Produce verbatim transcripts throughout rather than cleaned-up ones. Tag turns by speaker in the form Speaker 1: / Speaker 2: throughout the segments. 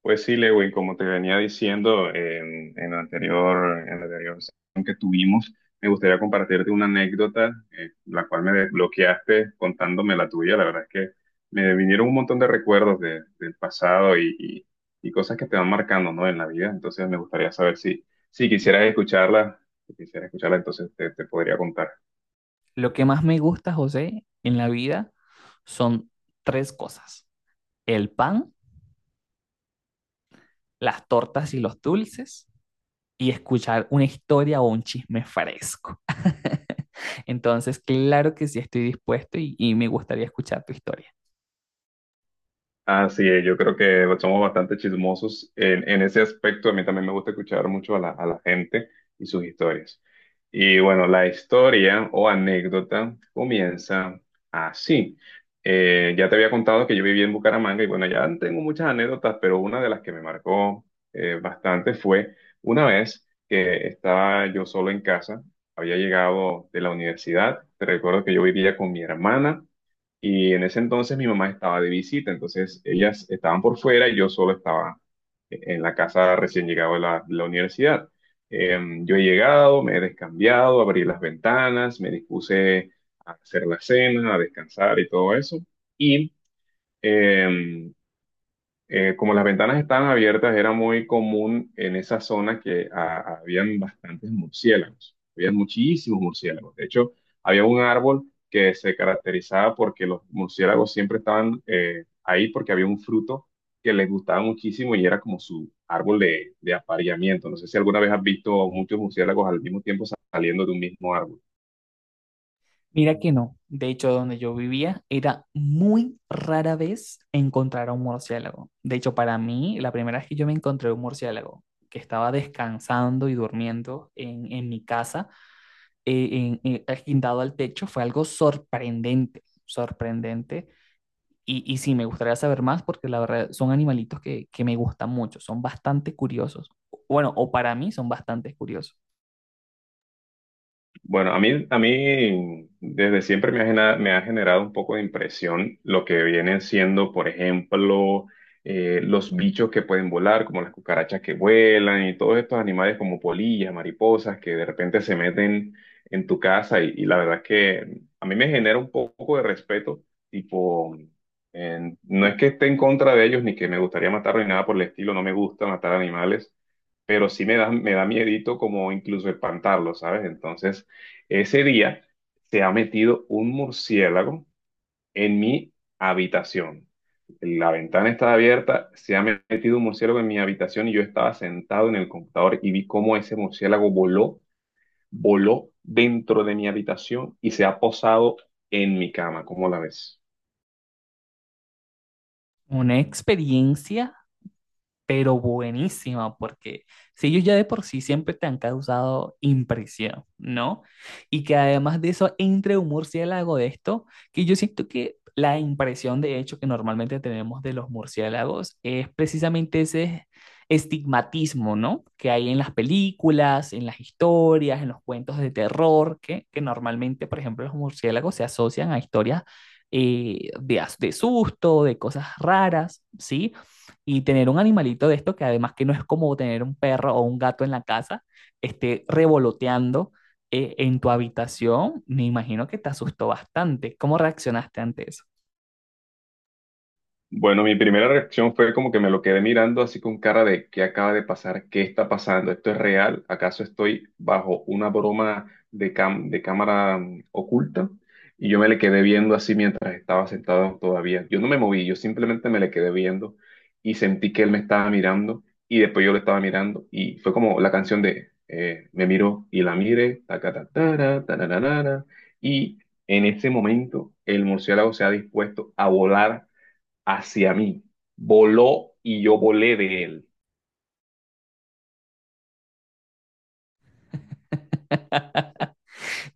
Speaker 1: Pues sí, Lewin, como te venía diciendo en, en la anterior, en la anterior sesión que tuvimos, me gustaría compartirte una anécdota, eh, la cual me desbloqueaste contándome la tuya. La verdad es que me vinieron un montón de recuerdos de- del pasado y, y- y cosas que te van marcando, ¿no? en la vida. Entonces me gustaría saber si, si quisieras escucharla, si quisieras escucharla, entonces te, te podría contar.
Speaker 2: Lo que más me gusta, José, en la vida son tres cosas. El pan, las tortas y los dulces y escuchar una historia o un chisme fresco. Entonces, claro que sí estoy dispuesto y, y me gustaría escuchar tu historia.
Speaker 1: Así es, yo creo que somos bastante chismosos en, en ese aspecto. A mí también me gusta escuchar mucho a la, a la gente y sus historias. Y bueno, la historia o anécdota comienza así. Eh, ya te había contado que yo viví en Bucaramanga y bueno, ya tengo muchas anécdotas, pero una de las que me marcó eh, bastante fue una vez que estaba yo solo en casa, había llegado de la universidad. Te recuerdo que yo vivía con mi hermana y en ese entonces mi mamá estaba de visita, entonces ellas estaban por fuera y yo solo estaba e-, en la casa recién llegado de la, de la universidad. Em, yo he llegado, me he descambiado, abrí las ventanas, me dispuse a hacer la cena, a descansar y todo eso. Y em, eh, como las ventanas estaban abiertas, era muy común en esa zona que ah, habían bastantes murciélagos, había muchísimos murciélagos. De hecho, había un árbol que se caracterizaba porque los murciélagos siempre estaban eh, ahí porque había un fruto que les gustaba muchísimo y era como su árbol de, de apareamiento. No sé si alguna vez has visto muchos murciélagos al mismo tiempo saliendo de un mismo árbol.
Speaker 2: Mira que no. De hecho, donde yo vivía era muy rara vez encontrar a un murciélago. De hecho, para mí, la primera vez que yo me encontré un murciélago que estaba descansando y durmiendo en, en mi casa eh, en- en- guindado al techo fue algo sorprendente, sorprendente. Y, y sí, me gustaría saber más porque la verdad son animalitos que, que me gustan mucho, son bastante curiosos. Bueno, o para mí son bastante curiosos.
Speaker 1: Bueno, a mí, a mí desde siempre me ha, genera- me ha generado un poco de impresión lo que vienen siendo, por ejemplo, eh, los bichos que pueden volar, como las cucarachas que vuelan y todos estos animales como polillas, mariposas, que de repente se meten en tu casa y, y la verdad es que a mí me genera un poco de respeto, tipo, eh, no es que esté en contra de ellos ni que me gustaría matarlos ni nada por el estilo, no me gusta matar animales pero sí me da, me da miedito como incluso espantarlo, ¿sabes? Entonces, ese día se ha metido un murciélago en mi habitación. La ventana estaba abierta, se ha metido un murciélago en mi habitación y yo estaba sentado en el computador y vi cómo ese murciélago voló, voló dentro de mi habitación y se ha posado en mi cama. ¿Cómo la ves?
Speaker 2: Una experiencia pero buenísima, porque si ellos ya de por sí siempre te han causado impresión, ¿no? Y que además de eso entre un murciélago de esto, que yo siento que la impresión de hecho que normalmente tenemos de los murciélagos es precisamente ese estigmatismo, ¿no? Que hay en las películas, en las historias, en los cuentos de terror, que, que normalmente, por ejemplo, los murciélagos se asocian a historias eh, de, as- de susto, de cosas raras, ¿sí? Y tener un animalito de esto, que además que no es como tener un perro o un gato en la casa, esté revoloteando eh, en tu habitación, me imagino que te asustó bastante. ¿Cómo reaccionaste ante eso?
Speaker 1: Bueno, mi primera reacción fue como que me lo quedé mirando así con cara de ¿qué acaba de pasar? ¿Qué está pasando? ¿Esto es real? ¿Acaso estoy bajo una broma de, cam- de cámara mm, oculta? Y yo me le quedé viendo así mientras estaba sentado todavía. Yo no me moví, yo simplemente me le quedé viendo y sentí que él me estaba mirando y después yo lo estaba mirando y fue como la canción de eh, Me miró y la mire, tacatatara, tarararara, y en ese momento el murciélago se ha dispuesto a volar hacia mí, voló y yo volé de él.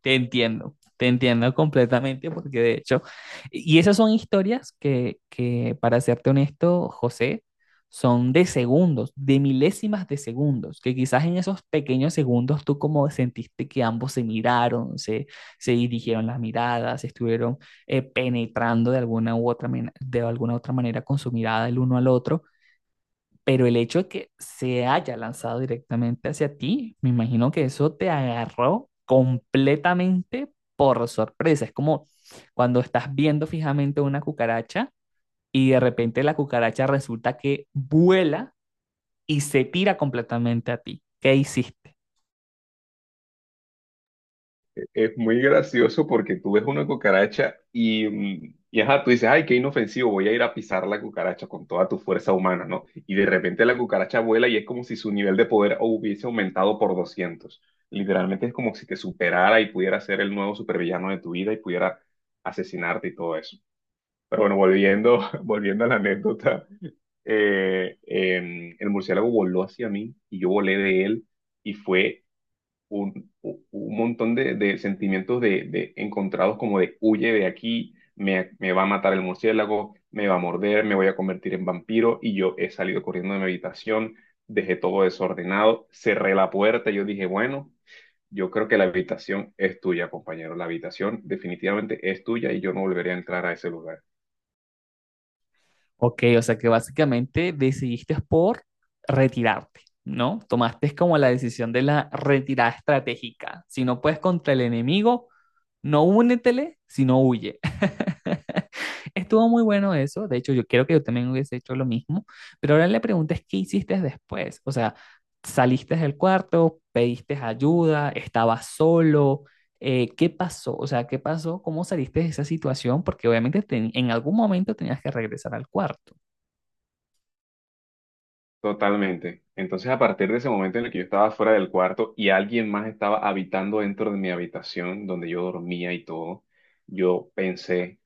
Speaker 2: Te entiendo, te entiendo completamente porque de hecho, y esas son historias que, que, para serte honesto, José, son de segundos, de milésimas de segundos, que quizás en esos pequeños segundos tú como sentiste que ambos se miraron, se, se dirigieron las miradas, se estuvieron eh, penetrando de alguna u otra, men- de alguna otra manera con su mirada el uno al otro, pero el hecho de que se haya lanzado directamente hacia ti, me imagino que eso te agarró completamente por sorpresa. Es como cuando estás viendo fijamente una cucaracha y de repente la cucaracha resulta que vuela y se tira completamente a ti. ¿Qué hiciste?
Speaker 1: E- Es muy gracioso porque tú ves una cucaracha y, mm, y ajá, tú dices, ay, qué inofensivo, voy a ir a pisar la cucaracha con toda tu fuerza humana, ¿no? Y de repente la cucaracha vuela y es como si su nivel de poder hubiese aumentado por doscientos. Literalmente es como si te superara y pudiera ser el nuevo supervillano de tu vida y pudiera asesinarte y todo eso. Pero bueno, volviendo, volviendo a la anécdota, eh, eh, el murciélago voló hacia mí y yo volé de él y fue un, u- un montón de, de sentimientos de, de encontrados como de huye de aquí, me, me va a matar el murciélago, me va a morder, me voy a convertir en vampiro y yo he salido corriendo de mi habitación, dejé todo desordenado, cerré la puerta y yo dije, bueno. Yo creo que la habitación es tuya, compañero. La habitación definitivamente es tuya y yo no volveré a entrar a ese lugar.
Speaker 2: Ok, o sea que básicamente decidiste por retirarte, ¿no? Tomaste como la decisión de la retirada estratégica. Si no puedes contra el enemigo, no únetele, sino huye. Estuvo muy bueno eso. De hecho, yo creo que yo también hubiese hecho lo mismo. Pero ahora la pregunta es, ¿qué hiciste después? O sea, ¿saliste del cuarto? ¿Pediste ayuda? ¿Estabas solo? Eh, ¿qué pasó? O sea, ¿qué pasó? ¿Cómo saliste de esa situación? Porque obviamente ten- en algún momento tenías que regresar al cuarto.
Speaker 1: Totalmente. Entonces, a partir de ese momento en el que yo estaba fuera del cuarto y alguien más estaba habitando dentro de mi habitación donde yo dormía y todo, yo pensé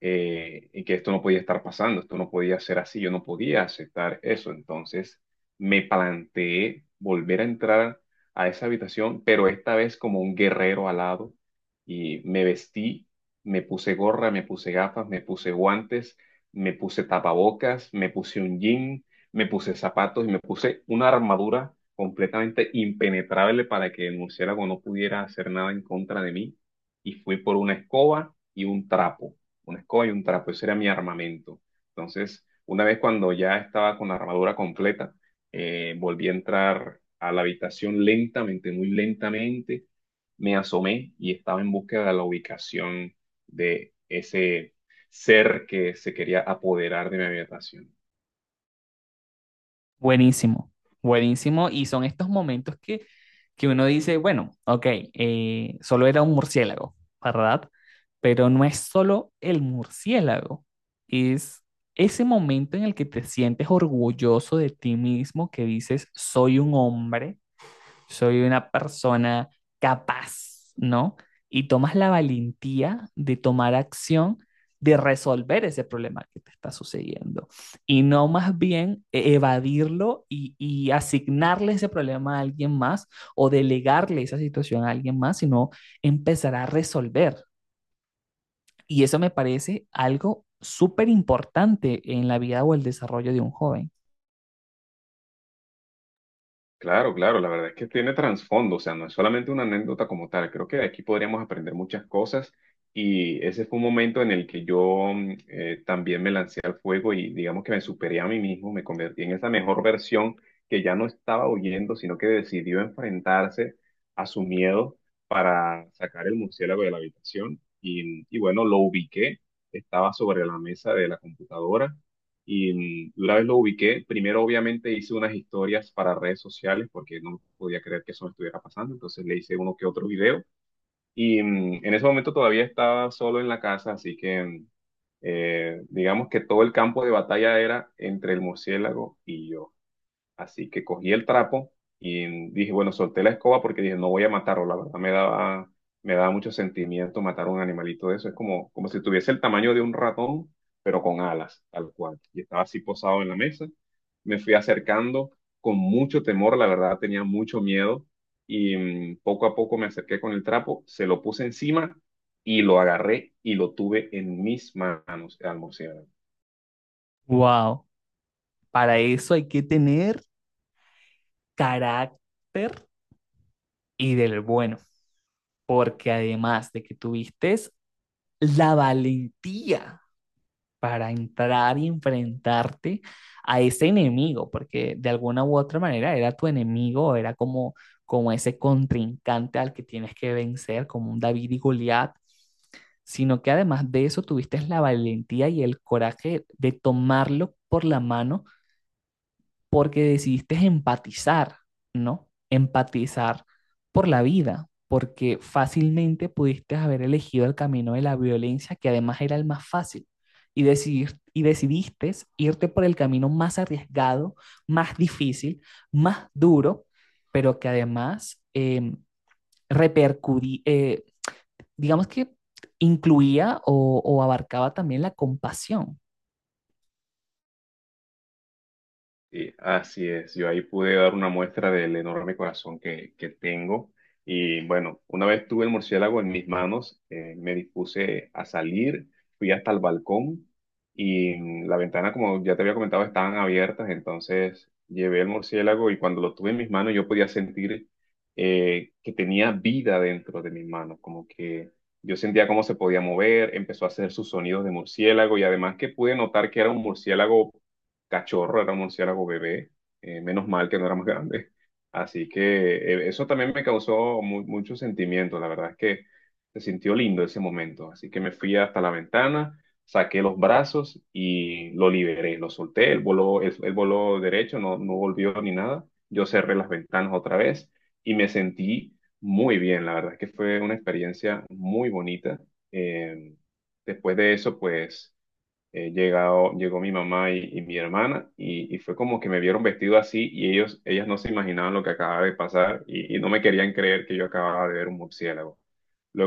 Speaker 1: eh, y que esto no podía estar pasando, esto no podía ser así, yo no podía aceptar eso. Entonces me planteé volver a entrar a esa habitación, pero esta vez como un guerrero alado y me vestí, me puse gorra, me puse gafas, me puse guantes, me puse tapabocas, me puse un jean, me puse zapatos y me puse una armadura completamente impenetrable para que el murciélago no pudiera hacer nada en contra de mí. Y fui por una escoba y un trapo una escoba y un trapo, ese era mi armamento. Entonces, una vez cuando ya estaba con la armadura completa, eh, volví a entrar a la habitación lentamente, muy lentamente, me asomé y estaba en búsqueda de la ubicación de ese ser que se quería apoderar de mi habitación.
Speaker 2: Buenísimo, buenísimo. Y son estos momentos que, que uno dice, bueno, ok, eh, solo era un murciélago, ¿verdad? Pero no es solo el murciélago, es ese momento en el que te sientes orgulloso de ti mismo, que dices, soy un hombre, soy una persona capaz, ¿no? Y tomas la valentía de tomar acción, de resolver ese problema que te está sucediendo y no más bien e-, evadirlo y, y asignarle ese problema a alguien más o delegarle esa situación a alguien más, sino empezar a resolver. Y eso me parece algo súper importante en la vida o el desarrollo de un joven.
Speaker 1: Claro, claro, la verdad es que tiene trasfondo, o sea, no es solamente una anécdota como tal, creo que de aquí podríamos aprender muchas cosas y ese fue un momento en el que yo mm, eh, también me lancé al fuego y digamos que me superé a mí mismo, me convertí en esa mejor versión que ya no estaba huyendo, sino que decidió enfrentarse a su miedo para sacar el murciélago de la habitación y, y bueno, lo ubiqué, estaba sobre la mesa de la computadora y una vez lo ubiqué, primero obviamente hice unas historias para redes sociales porque no podía creer que eso me estuviera pasando, entonces le hice uno que otro video. Y mm, en ese momento todavía estaba solo en la casa, así que mm, eh, digamos que todo el campo de batalla era entre el murciélago y yo. Así que cogí el trapo y dije, bueno, solté la escoba porque dije, no voy a matarlo. La verdad me daba, me daba mucho sentimiento matar a un animalito de eso. Es como, como si tuviese el tamaño de un ratón, pero con alas, tal cual. Y estaba así posado en la mesa. Me fui acercando con mucho temor, la verdad tenía mucho miedo. Y mm, poco a poco me acerqué con el trapo, se lo puse encima y lo agarré y lo tuve en mis manos al murciélago.
Speaker 2: Wow, para eso hay que tener carácter y del bueno, porque además de que tuviste la valentía para entrar y enfrentarte a ese enemigo, porque de alguna u otra manera era tu enemigo, era como, como ese contrincante al que tienes que vencer, como un David y Goliat, sino que además de eso tuviste la valentía y el coraje de tomarlo por la mano porque decidiste empatizar, ¿no? Empatizar por la vida, porque fácilmente pudiste haber elegido el camino de la violencia, que además era el más fácil, y, decidir, y decidiste irte por el camino más arriesgado, más difícil, más duro, pero que además eh, repercutía, eh, digamos que incluía o, o abarcaba también la compasión,
Speaker 1: Sí, así es, yo ahí pude dar una muestra del enorme corazón que, que tengo. Y bueno, una vez tuve el murciélago en mis manos, eh, me dispuse a salir, fui hasta el balcón y mm, la ventana, como ya te había comentado, estaban abiertas, entonces llevé el murciélago y cuando lo tuve en mis manos yo podía sentir eh, que tenía vida dentro de mis manos, como que yo sentía cómo se podía mover, empezó a hacer sus sonidos de murciélago y además que pude notar que era un murciélago cachorro, era un murciélago bebé, eh, menos mal que no era más grande. Así que eh, eso también me causó mu- mucho sentimiento, la verdad es que se sintió lindo ese momento. Así que me fui hasta la ventana, saqué los brazos y lo liberé, lo solté, él voló, él, él voló derecho, no, no volvió ni nada. Yo cerré las ventanas otra vez y me sentí muy bien, la verdad es que fue una experiencia muy bonita. Eh, Después de eso, pues eh, llegado, llegó mi mamá y, y mi hermana y, y fue como que me vieron vestido así y ellos, ellas no se imaginaban lo que acababa de pasar y, y no me querían creer que yo acababa de ver un murciélago.